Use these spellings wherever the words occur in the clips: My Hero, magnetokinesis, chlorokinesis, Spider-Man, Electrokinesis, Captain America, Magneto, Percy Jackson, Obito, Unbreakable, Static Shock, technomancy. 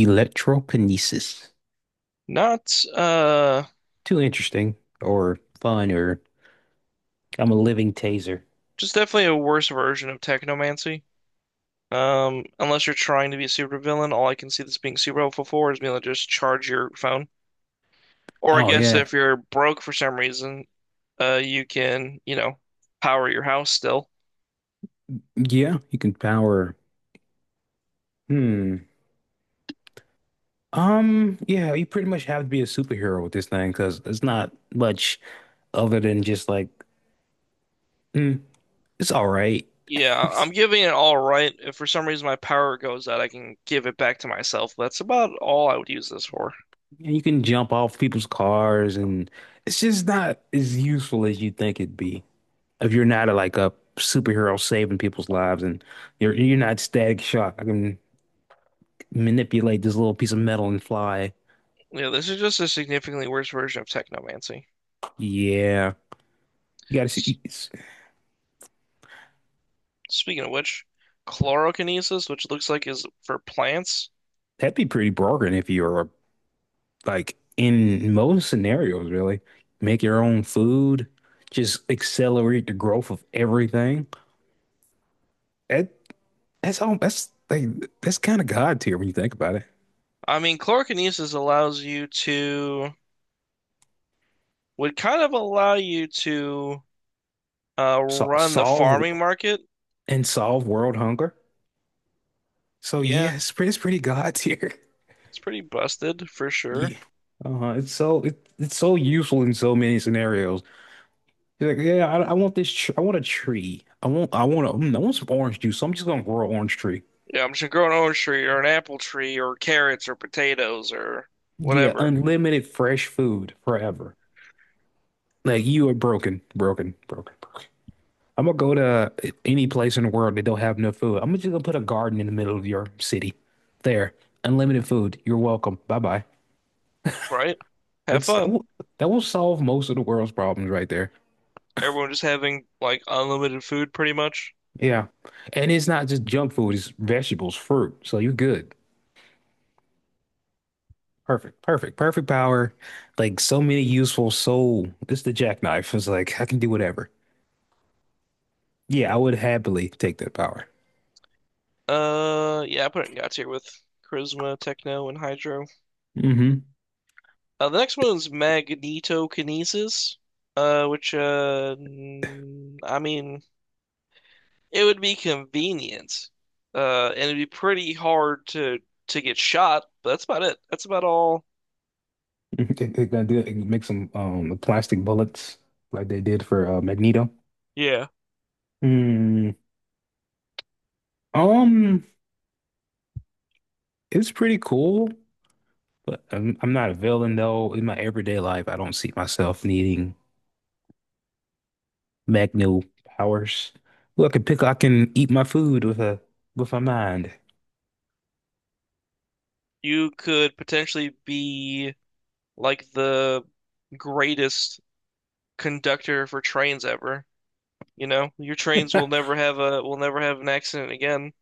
Electrokinesis. Not Too interesting or fun or I'm a living taser. just definitely a worse version of technomancy. Unless you're trying to be a supervillain, all I can see this being super helpful for is being able to just charge your phone. Or I oh guess yeah. if you're broke for some reason, you can, power your house still. Yeah, you can power. Hmm. Yeah, you pretty much have to be a superhero with this thing because it's not much other than just like, mm, it's all right. Yeah, I'm giving it all right. If for some reason my power goes out, I can give it back to myself. That's about all I would use this for. And you can jump off people's cars, and it's just not as useful as you think it'd be if you're not a, like a superhero saving people's lives, and you're not Static Shock. I mean, manipulate this little piece of metal and fly. Yeah, this is just a significantly worse version of technomancy. Yeah, you gotta see. Speaking of which, chlorokinesis, which looks like is for plants. That'd be pretty broken if you were, like, in most scenarios, really. Make your own food, just accelerate the growth of everything. That that's all. That's like that's kind of God tier when you think about it. I mean, chlorokinesis allows you to, would kind of allow you to So, run the solve farming market. And solve world hunger. So Yeah, yeah, it's pretty God tier. it's pretty busted for sure. Yeah, uh-huh. It's so it's so useful in so many scenarios. He's like, yeah, I want this. Tr I want a tree. I want. I want. I want some orange juice. So I'm just gonna grow an orange tree. Yeah, I'm just growing an orange tree or an apple tree or carrots or potatoes or Yeah, whatever, unlimited fresh food forever. Like you are broken, broken, broken, broken. I'm gonna go to any place in the world that don't have enough food. I'm just gonna put a garden in the middle of your city. There, unlimited food. You're welcome. Bye bye. right? Have It's that fun. will, that will solve most of the world's problems right there. Everyone just having like unlimited food pretty much. Yeah, and it's not just junk food. It's vegetables, fruit. So you're good. Perfect, perfect, perfect power. Like so many useful so it's the jackknife. It's like I can do whatever. Yeah, I would happily take that power. Yeah, I put it in God tier with charisma, techno, and hydro. Mm-hmm. The next one's magnetokinesis, I mean, it would be convenient, and it'd be pretty hard to get shot, but that's about it. That's about all. They gonna do it, make some plastic bullets like they did for Magneto. Yeah, Mm, um, it's pretty cool, but I'm not a villain though. In my everyday life, I don't see myself needing Magneto powers. Look, I can pick. I can eat my food with a with my mind. you could potentially be like the greatest conductor for trains ever. You know, your trains will never have an accident again.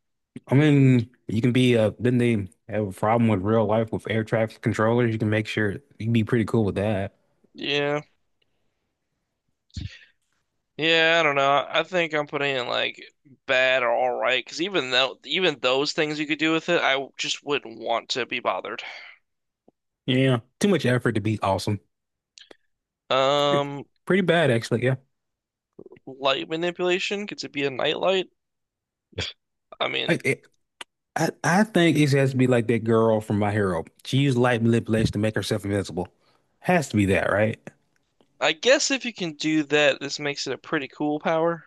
I mean, you can be then they have a problem with real life with air traffic controllers. You can make sure you can be pretty cool with that. Yeah. Yeah, I don't know. I think I'm putting in like bad or all right because even those things you could do with it, just wouldn't want to be bothered. Yeah. Too much effort to be awesome. Pretty, Um, pretty bad actually, yeah. light manipulation, could it be a nightlight? I I, mean, it, I think it has to be like that girl from My Hero. She used light manipulation to make herself invisible. Has to be that, right? I guess if you can do that, this makes it a pretty cool power.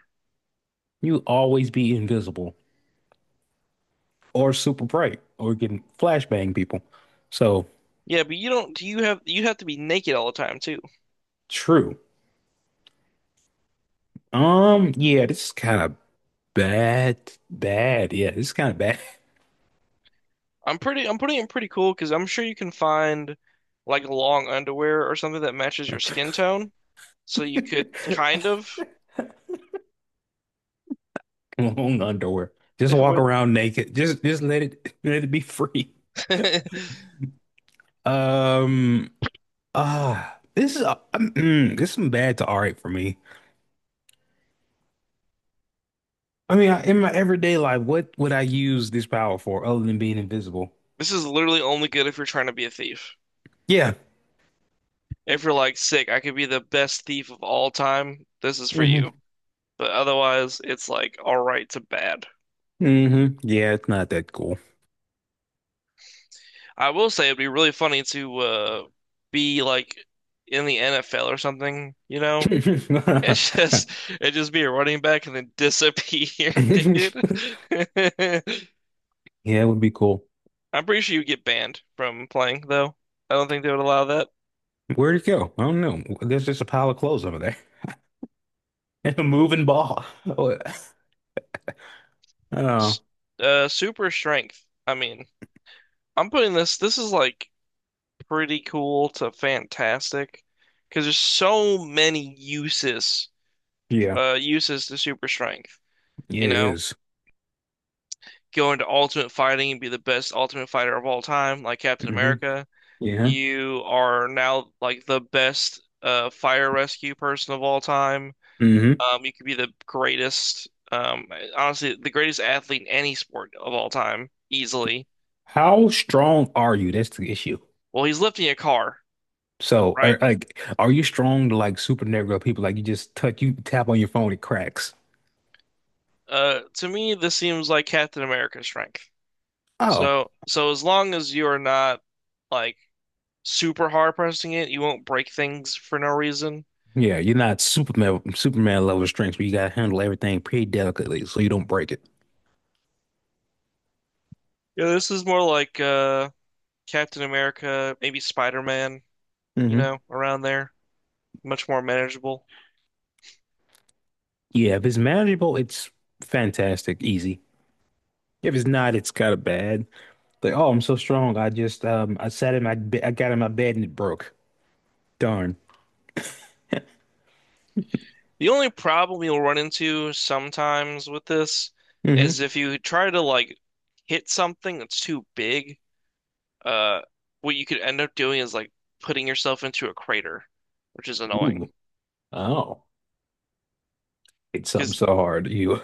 You always be invisible or super bright or getting flashbang people. So Yeah, but you don't. Do you have to be naked all the time too? true. Yeah, this is kind of bad, bad. Yeah, this is kind of bad. I'm pretty. I'm putting it in pretty cool because I'm sure you can find like long underwear or something that matches your skin tone, so you could kind of. Long underwear. Just walk with around naked. Just let it let it be free. Um this is this is some bad to all right for me. I mean, I, in my everyday life, what would I use this power for other than being invisible? This is literally only good if you're trying to be a thief. Yeah. If you're like sick, I could be the best thief of all time. This is for hmm you. But otherwise, it's like all right to bad. hmm Yeah, it's not that cool. I will say it'd be really funny to be like in the NFL or something, you know? It's just it just be a running back and then disappear, dude. Yeah, it would be cool. I'm pretty sure you get banned from playing though. I don't think they would allow that. Where'd it go? I don't know. There's just a pile of clothes over there and a moving ball. Oh, yeah, S- super strength. I mean, I'm putting this this is like pretty cool to fantastic because there's so many yeah, uses to super strength, you it know? is. Go into ultimate fighting and be the best ultimate fighter of all time, like Captain Mm-hmm. America. Yeah. You are now like the best fire rescue person of all time. hmm You could be the greatest honestly the greatest athlete in any sport of all time, easily. How strong are you? That's the issue. Well, he's lifting a car, So, right? are, like, are you strong to like supernatural people? Like, you just touch, you tap on your phone, it cracks. To me, this seems like Captain America's strength. Oh, So as long as you're not like super hard pressing it, you won't break things for no reason. yeah, you're not Superman, Superman level strength, but you gotta handle everything pretty delicately so you don't break it. Yeah, this is more like Captain America, maybe Spider-Man, you Hmm know, around there. Much more manageable. Yeah, if it's manageable, it's fantastic, easy. If it's not, it's kind of bad. Like, oh, I'm so strong. I just, I got in my bed and it broke. Darn. The only problem you'll run into sometimes with this is Hmm if you try to like hit something that's too big, uh what you could end up doing is like putting yourself into a crater, which is annoying. Ooh. Oh, it's something Because so hard. You.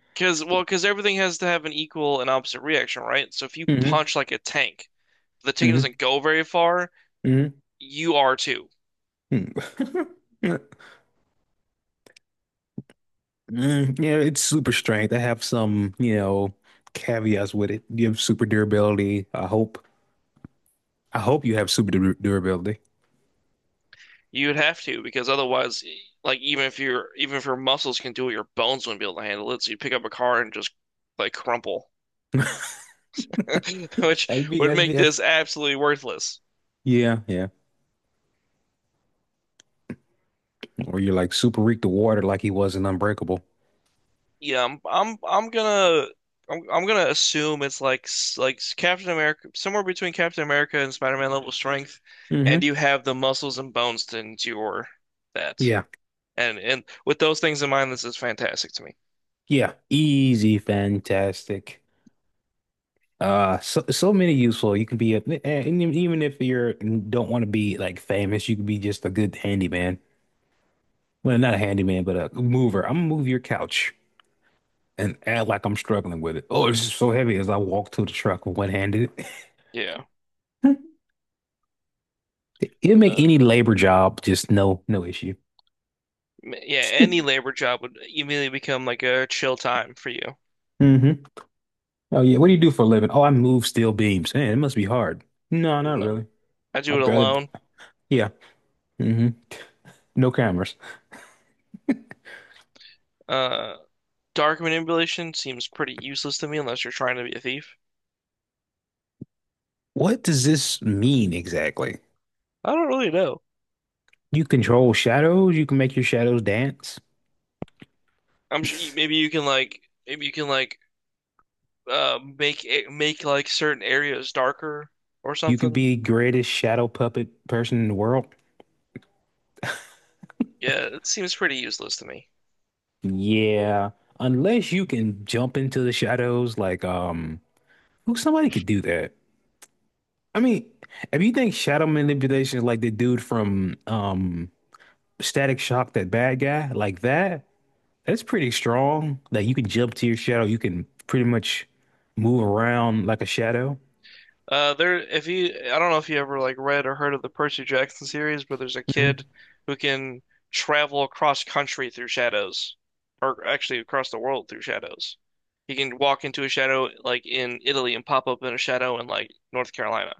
Because well, because everything has to have an equal and opposite reaction, right? So if you hmm punch like a tank, the tank hmm doesn't go very far. Mhm. You are too. mm Mm, yeah, it's super strength. I have some, you know, caveats with it. You have super durability. I hope. I hope you have super durability. You'd have to because otherwise, like even if your muscles can do it, your bones wouldn't be able to handle it. So you pick up a car and just like crumple, which would make that's- this absolutely worthless. yeah, yeah. Or you're like super weak to water, like he was in Unbreakable. Yeah, I'm gonna assume it's like like Captain America, somewhere between Captain America and Spider-Man level strength, Hmm and you have the muscles and bones to endure that. Yeah, And with those things in mind, this is fantastic to me. yeah. Easy, fantastic. So so many useful. You can be a, and e, even if you're don't want to be like famous, you can be just a good handyman. Well, not a handyman, but a mover. I'm gonna move your couch and act like I'm struggling with it. Oh, it's just so heavy as I walk to the truck with one handed. Yeah, It'll make uh, any labor job just no issue. Yeah. Any labor job would immediately become like a chill time for you. Hmm Oh yeah, what do you do for a living? Oh, I move steel beams. Man, it must be hard. No, not No, really. I do I it barely. alone. Yeah. hmm No cameras. Uh, dark manipulation seems pretty useless to me unless you're trying to be a thief. What does this mean exactly? I don't really know. You control shadows. You can make your shadows dance. I'm sure maybe you can like make like certain areas darker or You can something. be the greatest shadow puppet person in the world. Yeah, it seems pretty useless to me. Yeah, unless you can jump into the shadows like who somebody could do that? I mean, if you think shadow manipulation is like the dude from Static Shock, that bad guy, like that, that's pretty strong. Like you can jump to your shadow, you can pretty much move around like a shadow. If you, I don't know if you ever like read or heard of the Percy Jackson series, but there's a kid Hmm who can travel across country through shadows, or actually across the world through shadows. He can walk into a shadow like in Italy and pop up in a shadow in like North Carolina.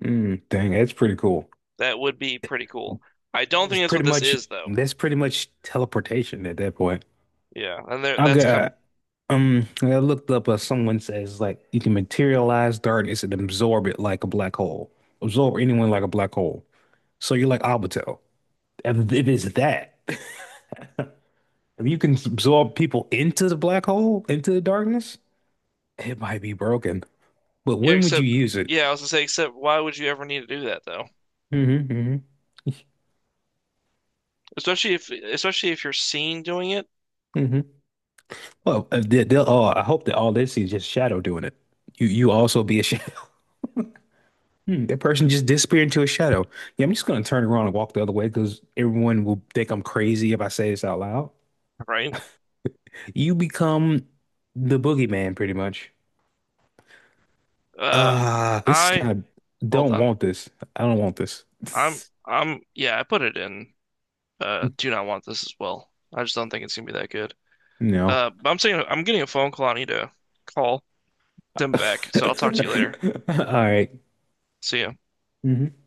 Mm, dang, that's pretty cool. That would be pretty cool. I That don't is think that's what pretty this much is though. that's pretty much teleportation at that point. Yeah, and there, that's com Okay. I looked up someone says like you can materialize darkness and absorb it like a black hole. Absorb anyone like a black hole. So you're like Obito. It is that. If you can absorb people into the black hole, into the darkness, it might be broken. But Yeah, when would you except use it? yeah, I was gonna say, except why would you ever need to do that though? Mm-hmm, hmm Especially if you're seen doing it, hmm Well, they'll, oh, I hope that all they see is just shadow doing it. You also be a shadow. Hmm, that person just disappeared into a shadow. Yeah, I'm just gonna turn around and walk the other way because everyone will think I'm crazy if I say this out loud. right? You become the boogeyman, pretty much. Uh Ah, this is I kind of hold don't on. want this. I don't want this. I'm I'm yeah, I put it in do not want this as well. I just don't think it's gonna be that good. No. But I'm saying I'm getting a phone call. I need to call them back. So I'll All talk to you later. right. See ya. Mhm.